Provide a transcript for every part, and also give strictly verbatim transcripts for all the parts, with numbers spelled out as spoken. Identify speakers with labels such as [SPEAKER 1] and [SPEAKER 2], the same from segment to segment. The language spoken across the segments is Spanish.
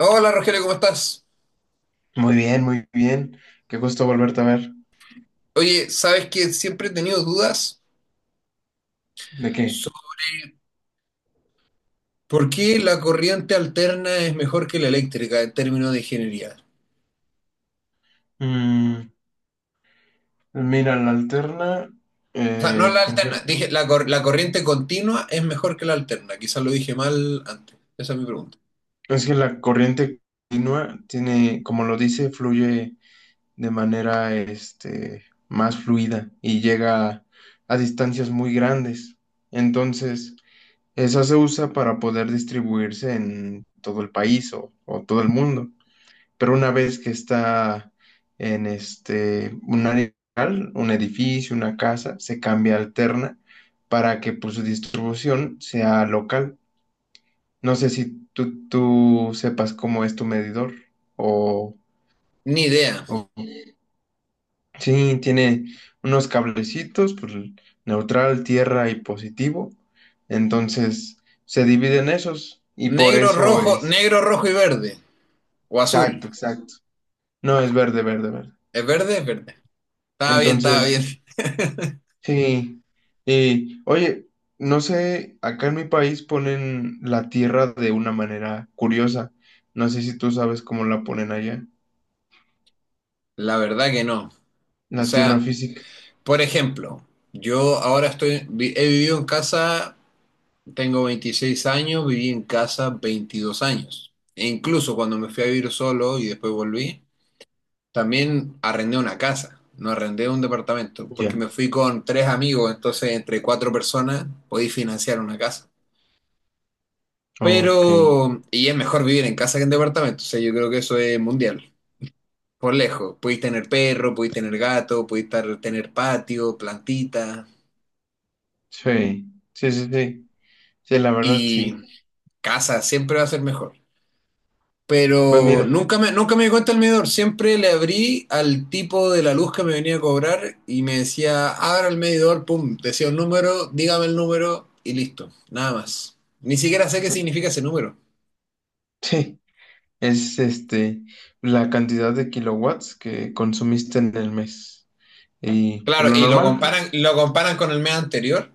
[SPEAKER 1] Hola Rogelio, ¿cómo estás?
[SPEAKER 2] Muy bien, muy bien. Qué gusto volverte a ver.
[SPEAKER 1] Oye, sabes que siempre he tenido dudas
[SPEAKER 2] ¿De qué?
[SPEAKER 1] sobre por qué la corriente alterna es mejor que la eléctrica en términos de ingeniería.
[SPEAKER 2] Mm, mira, la alterna,
[SPEAKER 1] O sea, no
[SPEAKER 2] eh,
[SPEAKER 1] la alterna,
[SPEAKER 2] fungir-
[SPEAKER 1] dije la, cor- la corriente continua es mejor que la alterna. Quizás lo dije mal antes. Esa es mi pregunta.
[SPEAKER 2] es que la corriente continua tiene, como lo dice, fluye de manera, este, más fluida y llega a distancias muy grandes. Entonces, esa se usa para poder distribuirse en todo el país o, o todo el mundo. Pero una vez que está en este, un área, un edificio, una casa, se cambia alterna para que, pues, su distribución sea local. No sé si tú, tú sepas cómo es tu medidor o,
[SPEAKER 1] Ni idea.
[SPEAKER 2] o- sí, tiene unos cablecitos, pues, neutral, tierra y positivo. Entonces se dividen esos y por
[SPEAKER 1] Negro,
[SPEAKER 2] eso
[SPEAKER 1] rojo,
[SPEAKER 2] es...
[SPEAKER 1] negro, rojo y verde. O azul.
[SPEAKER 2] Exacto, exacto. No, es verde, verde, verde.
[SPEAKER 1] ¿Es verde? Es verde. Estaba bien, estaba bien.
[SPEAKER 2] Entonces... Sí, y oye, no sé, acá en mi país ponen la tierra de una manera curiosa. No sé si tú sabes cómo la ponen allá.
[SPEAKER 1] La verdad que no. O
[SPEAKER 2] La tierra
[SPEAKER 1] sea,
[SPEAKER 2] física.
[SPEAKER 1] por ejemplo, yo ahora estoy, vi- he vivido en casa. Tengo veintiséis años, viví en casa veintidós años. E incluso cuando me fui a vivir solo y después volví, también arrendé una casa, no arrendé un departamento, porque
[SPEAKER 2] Ya.
[SPEAKER 1] me fui con tres amigos, entonces entre cuatro personas podí financiar una casa.
[SPEAKER 2] Ok.
[SPEAKER 1] Pero, y es mejor vivir en casa que en departamento, o sea, yo creo que eso es mundial, por lejos. Podéis tener perro, podéis tener gato, podéis tar- tener patio, plantita,
[SPEAKER 2] Sí, sí, sí, sí. Sí, la verdad,
[SPEAKER 1] y
[SPEAKER 2] sí.
[SPEAKER 1] casa siempre va a ser mejor.
[SPEAKER 2] Pues
[SPEAKER 1] Pero
[SPEAKER 2] mira,
[SPEAKER 1] nunca me, nunca me di cuenta el medidor. Siempre le abrí al tipo de la luz que me venía a cobrar y me decía, abra el medidor, pum, decía un número, dígame el número y listo, nada más. Ni siquiera sé qué significa ese número.
[SPEAKER 2] sí, es este, la cantidad de kilowatts que consumiste en el mes. Y por
[SPEAKER 1] Claro,
[SPEAKER 2] lo
[SPEAKER 1] y lo
[SPEAKER 2] normal,
[SPEAKER 1] comparan, lo comparan con el mes anterior.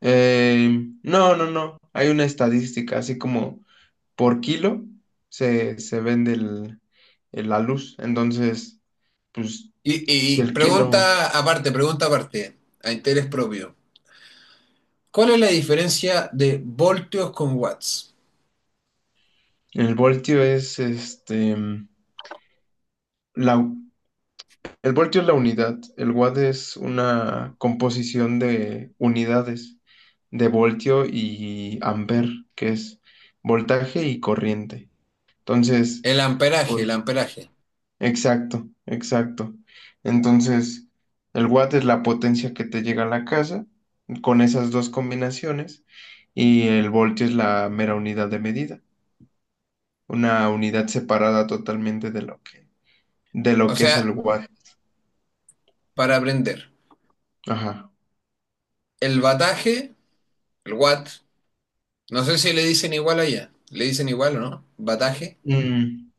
[SPEAKER 2] eh, no, no, no. Hay una estadística, así como por kilo se, se vende el- el- la luz. Entonces, pues,
[SPEAKER 1] Y, y
[SPEAKER 2] si
[SPEAKER 1] y
[SPEAKER 2] el kilo,
[SPEAKER 1] pregunta aparte, pregunta aparte, a interés propio. ¿Cuál es la diferencia de voltios con watts?
[SPEAKER 2] el voltio es este, la, el voltio es la unidad, el watt es una composición de unidades de voltio y amper, que es voltaje y corriente. Entonces,
[SPEAKER 1] El amperaje, el
[SPEAKER 2] pues,
[SPEAKER 1] amperaje.
[SPEAKER 2] exacto, exacto. Entonces, el watt es la potencia que te llega a la casa con esas dos combinaciones, y el voltio es la mera unidad de medida, una unidad separada totalmente de lo que, de lo
[SPEAKER 1] O
[SPEAKER 2] que es el
[SPEAKER 1] sea,
[SPEAKER 2] watt.
[SPEAKER 1] para aprender,
[SPEAKER 2] Ajá.
[SPEAKER 1] el bataje, el watt. No sé si le dicen igual allá. ¿Le dicen igual o no? ¿Bataje?
[SPEAKER 2] Mm,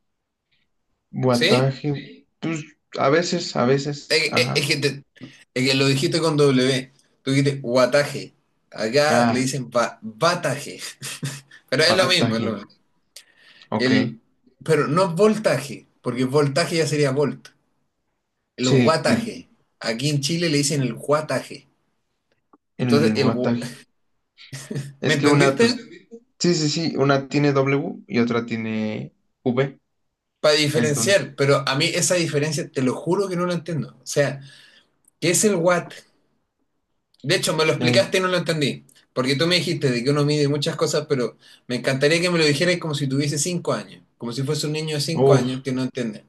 [SPEAKER 1] ¿Sí?
[SPEAKER 2] wattaje, pues a veces, a
[SPEAKER 1] Es,
[SPEAKER 2] veces,
[SPEAKER 1] es-
[SPEAKER 2] ajá.
[SPEAKER 1] es que, te- es que lo dijiste con W. Tú dijiste guataje. Acá le
[SPEAKER 2] Ah,
[SPEAKER 1] dicen ba- bataje. Pero es lo mismo, es lo
[SPEAKER 2] wattaje,
[SPEAKER 1] mismo.
[SPEAKER 2] ok.
[SPEAKER 1] El, pero no es voltaje, porque voltaje ya sería volt. El
[SPEAKER 2] Sí,
[SPEAKER 1] guataje. Aquí en Chile le dicen el guataje. Entonces,
[SPEAKER 2] el
[SPEAKER 1] el, gu-
[SPEAKER 2] wattaje.
[SPEAKER 1] ¿Me
[SPEAKER 2] Es que una, pues,
[SPEAKER 1] entendiste?
[SPEAKER 2] sí, sí, sí, una tiene W y otra tiene V,
[SPEAKER 1] Para
[SPEAKER 2] entonces,
[SPEAKER 1] diferenciar, pero a mí esa diferencia te lo juro que no la entiendo. O sea, ¿qué es el watt? De hecho, me lo explicaste y
[SPEAKER 2] eh,
[SPEAKER 1] no lo entendí. Porque tú me dijiste de que uno mide muchas cosas, pero me encantaría que me lo dijeras como si tuviese cinco años, como si fuese un niño de cinco años
[SPEAKER 2] uf,
[SPEAKER 1] que no entiende.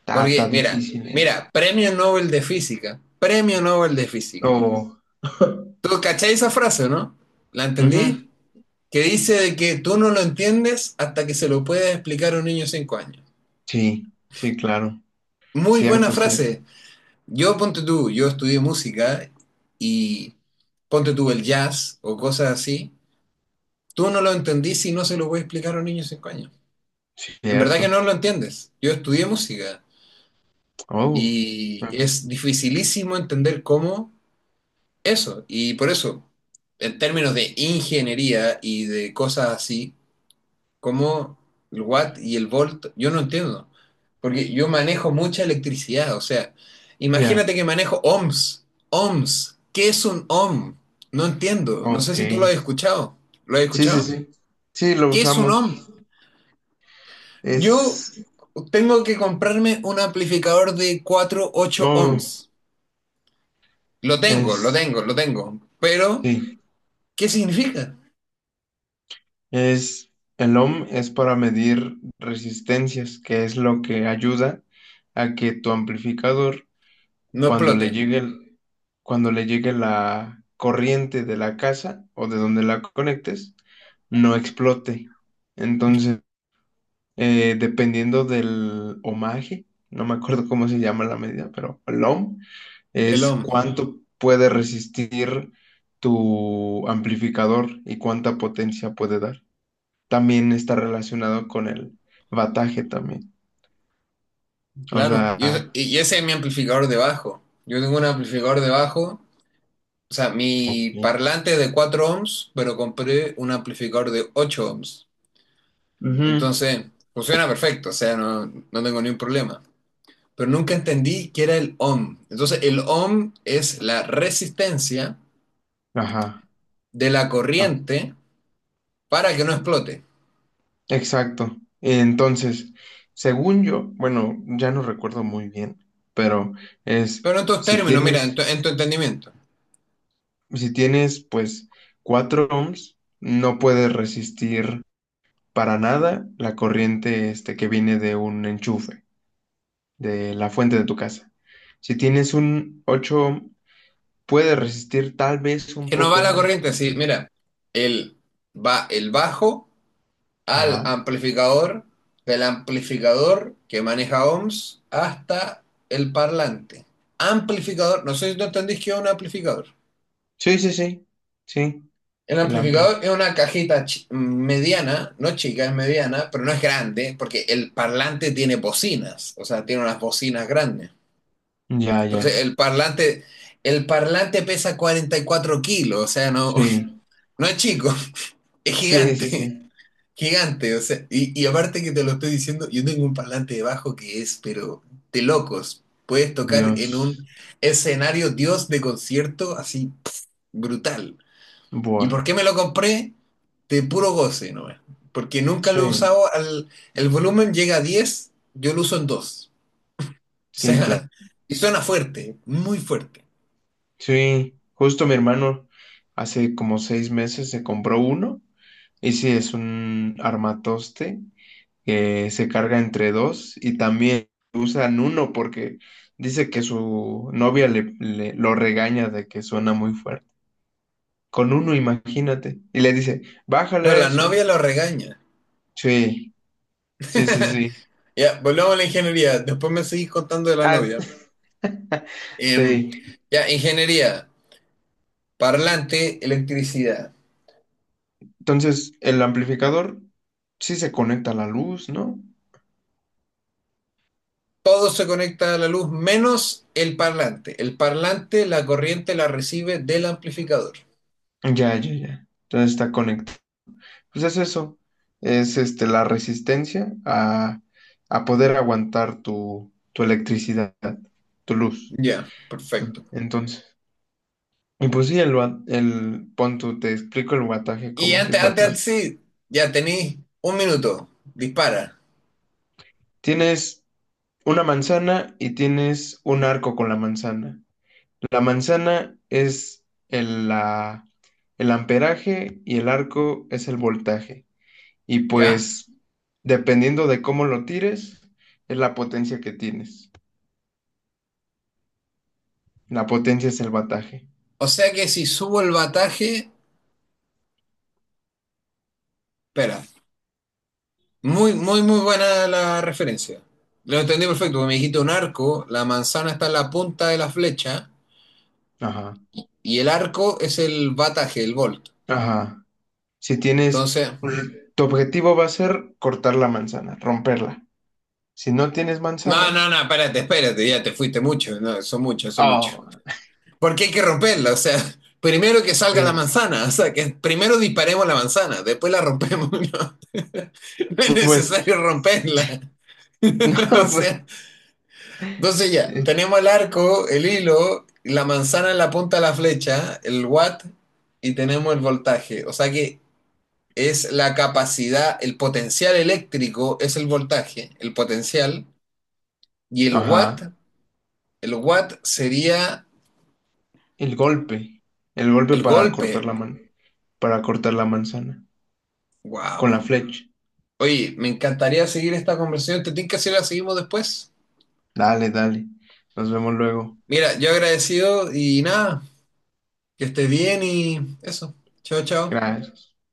[SPEAKER 2] está,
[SPEAKER 1] Porque,
[SPEAKER 2] está
[SPEAKER 1] mira,
[SPEAKER 2] difícil, ¿eh?
[SPEAKER 1] mira, premio Nobel de Física, premio Nobel de Física.
[SPEAKER 2] Oh,
[SPEAKER 1] ¿Tú cacháis esa frase, no? ¿La entendí?
[SPEAKER 2] ujú.
[SPEAKER 1] Que dice de que tú no lo entiendes hasta que se lo puedes explicar a un niño de cinco años.
[SPEAKER 2] Sí, sí, claro,
[SPEAKER 1] Muy buena
[SPEAKER 2] cierto, cierto,
[SPEAKER 1] frase. Yo, ponte tú, yo estudié música y ponte tú el jazz o cosas así. Tú no lo entendís y no se lo voy a explicar a un niño de cinco años. En verdad que
[SPEAKER 2] cierto.
[SPEAKER 1] no lo entiendes. Yo estudié música
[SPEAKER 2] Oh.
[SPEAKER 1] y
[SPEAKER 2] Ah.
[SPEAKER 1] es dificilísimo entender cómo eso. Y por eso, en términos de ingeniería y de cosas así, como el watt y el volt, yo no entiendo. Porque yo manejo mucha electricidad. O sea,
[SPEAKER 2] Ya.
[SPEAKER 1] imagínate que manejo ohms. Ohms. ¿Qué es un ohm? No entiendo. No sé
[SPEAKER 2] Ok,
[SPEAKER 1] si tú lo has
[SPEAKER 2] sí,
[SPEAKER 1] escuchado. ¿Lo has
[SPEAKER 2] sí.
[SPEAKER 1] escuchado?
[SPEAKER 2] Sí, sí, lo
[SPEAKER 1] ¿Qué es un
[SPEAKER 2] usamos.
[SPEAKER 1] ohm? Yo
[SPEAKER 2] es,
[SPEAKER 1] tengo que comprarme un amplificador de cuatro punto ocho
[SPEAKER 2] oh,
[SPEAKER 1] ohms. Lo tengo, lo
[SPEAKER 2] es,
[SPEAKER 1] tengo, lo tengo. Pero,
[SPEAKER 2] sí.
[SPEAKER 1] ¿qué significa?
[SPEAKER 2] Es, el ohm es para medir resistencias, que es lo que ayuda a que tu amplificador,
[SPEAKER 1] No
[SPEAKER 2] cuando le
[SPEAKER 1] explote.
[SPEAKER 2] llegue, el- cuando le llegue la corriente de la casa o de donde la conectes, no explote. Entonces, eh, dependiendo del ohmaje, no me acuerdo cómo se llama la medida, pero el ohm
[SPEAKER 1] El
[SPEAKER 2] es
[SPEAKER 1] ohm,
[SPEAKER 2] cuánto puede resistir tu amplificador y cuánta potencia puede dar, también está relacionado con el bataje también. O
[SPEAKER 1] claro. Y,
[SPEAKER 2] sea,
[SPEAKER 1] es- y ese es mi amplificador de bajo. Yo tengo un amplificador de bajo. O sea,
[SPEAKER 2] ok.
[SPEAKER 1] mi parlante es de cuatro ohms, pero compré un amplificador de ocho ohms.
[SPEAKER 2] Ujú,
[SPEAKER 1] Entonces, funciona perfecto. O sea, no, no tengo ningún problema. Pero nunca entendí qué era el ohm. Entonces, el ohm es la resistencia
[SPEAKER 2] ajá,
[SPEAKER 1] de la
[SPEAKER 2] ah,
[SPEAKER 1] corriente para que no explote.
[SPEAKER 2] exacto. Entonces, según yo, bueno, ya no recuerdo muy bien, pero es
[SPEAKER 1] Pero en tus
[SPEAKER 2] si
[SPEAKER 1] términos, mira, en
[SPEAKER 2] tienes,
[SPEAKER 1] tu, en tu entendimiento.
[SPEAKER 2] si tienes pues cuatro ohms, no puedes resistir para nada la corriente este que viene de un enchufe, de la fuente de tu casa. Si tienes un ocho ohm, puedes resistir tal vez un
[SPEAKER 1] Que no
[SPEAKER 2] poco
[SPEAKER 1] va la
[SPEAKER 2] más.
[SPEAKER 1] corriente así, mira, el, va el bajo al
[SPEAKER 2] Ajá.
[SPEAKER 1] amplificador, del amplificador que maneja ohms hasta el parlante. Amplificador, no sé si tú entendís que es un amplificador.
[SPEAKER 2] Sí, sí, sí. Sí,
[SPEAKER 1] El
[SPEAKER 2] el ampli.
[SPEAKER 1] amplificador es una cajita mediana, no chica, es mediana, pero no es grande, porque el parlante tiene bocinas, o sea, tiene unas bocinas grandes.
[SPEAKER 2] Ya,
[SPEAKER 1] Entonces,
[SPEAKER 2] ya.
[SPEAKER 1] el parlante, el parlante pesa 44 kilos, o sea, no,
[SPEAKER 2] Sí.
[SPEAKER 1] no es chico, es
[SPEAKER 2] Sí, sí,
[SPEAKER 1] gigante,
[SPEAKER 2] sí.
[SPEAKER 1] gigante, o sea, y, y aparte que te lo estoy diciendo, yo tengo un parlante debajo que es, pero de locos, puedes tocar en
[SPEAKER 2] Dios.
[SPEAKER 1] un escenario dios de concierto así pff, brutal. ¿Y
[SPEAKER 2] Buah.
[SPEAKER 1] por qué me lo compré? De puro goce, ¿no? Porque nunca lo he
[SPEAKER 2] Sí,
[SPEAKER 1] usado al, el volumen llega a diez, yo lo uso en dos. O
[SPEAKER 2] sí, claro.
[SPEAKER 1] sea, y suena fuerte, muy fuerte.
[SPEAKER 2] Sí, justo mi hermano hace como seis meses se compró uno. Y sí, es un armatoste que se carga entre dos, y también usan uno porque dice que su novia le, le- lo regaña de que suena muy fuerte. Con uno, imagínate. Y le dice, bájale
[SPEAKER 1] Pero
[SPEAKER 2] a
[SPEAKER 1] la
[SPEAKER 2] eso.
[SPEAKER 1] novia lo regaña.
[SPEAKER 2] Sí. Sí, sí, sí.
[SPEAKER 1] Ya, volvamos a la ingeniería. Después me seguís contando de la
[SPEAKER 2] Ah,
[SPEAKER 1] novia. Em,
[SPEAKER 2] sí.
[SPEAKER 1] ya, ingeniería, parlante, electricidad.
[SPEAKER 2] Entonces, el amplificador sí se conecta a la luz, ¿no?
[SPEAKER 1] Todo se conecta a la luz menos el parlante. El parlante, la corriente la recibe del amplificador.
[SPEAKER 2] Ya, ya, ya. Entonces está conectado. Pues es eso. Es este la resistencia a, a poder aguantar tu, tu electricidad, tu luz.
[SPEAKER 1] Ya, perfecto.
[SPEAKER 2] Entonces. Y pues sí, el, wa- el pon tú, te explico el wataje
[SPEAKER 1] Y
[SPEAKER 2] como si
[SPEAKER 1] antes, antes,
[SPEAKER 2] fuera.
[SPEAKER 1] antes sí, ya tenéis un minuto. Dispara,
[SPEAKER 2] Tienes una manzana y tienes un arco con la manzana. La manzana es el, la- el amperaje y el arco es el voltaje. Y
[SPEAKER 1] ¿ya?
[SPEAKER 2] pues, dependiendo de cómo lo tires, es la potencia que tienes. La potencia es el bataje.
[SPEAKER 1] O sea que si subo el bataje, espera, muy, muy, muy buena la referencia. Lo entendí perfecto, porque me dijiste un arco, la manzana está en la punta de la flecha
[SPEAKER 2] Ajá,
[SPEAKER 1] y el arco es el bataje, el volt.
[SPEAKER 2] ajá. Si tienes,
[SPEAKER 1] Entonces,
[SPEAKER 2] tu objetivo va a ser cortar la manzana, romperla. Si no tienes
[SPEAKER 1] no,
[SPEAKER 2] manzana,
[SPEAKER 1] no, no, espérate, espérate, ya te fuiste mucho, no, son muchos, son muchos.
[SPEAKER 2] oh,
[SPEAKER 1] Porque hay que romperla, o sea, primero que salga la
[SPEAKER 2] sí.
[SPEAKER 1] manzana, o sea, que primero disparemos la manzana, después la rompemos, no, no es
[SPEAKER 2] Pues,
[SPEAKER 1] necesario romperla. O
[SPEAKER 2] no, pues,
[SPEAKER 1] sea, entonces ya,
[SPEAKER 2] eh,
[SPEAKER 1] tenemos el arco, el hilo, la manzana en la punta de la flecha, el watt y tenemos el voltaje. O sea que es la capacidad, el potencial eléctrico es el voltaje, el potencial, y el watt,
[SPEAKER 2] ajá.
[SPEAKER 1] el watt sería
[SPEAKER 2] El golpe, el golpe
[SPEAKER 1] el
[SPEAKER 2] para cortar
[SPEAKER 1] golpe.
[SPEAKER 2] la man, para cortar la manzana. Con
[SPEAKER 1] Wow.
[SPEAKER 2] la flecha.
[SPEAKER 1] Oye, me encantaría seguir esta conversación. ¿Te tinca si la seguimos después?
[SPEAKER 2] Dale, dale. Nos vemos luego.
[SPEAKER 1] Mira, yo agradecido y nada, que estés bien y eso. Chao, chao.
[SPEAKER 2] Gracias.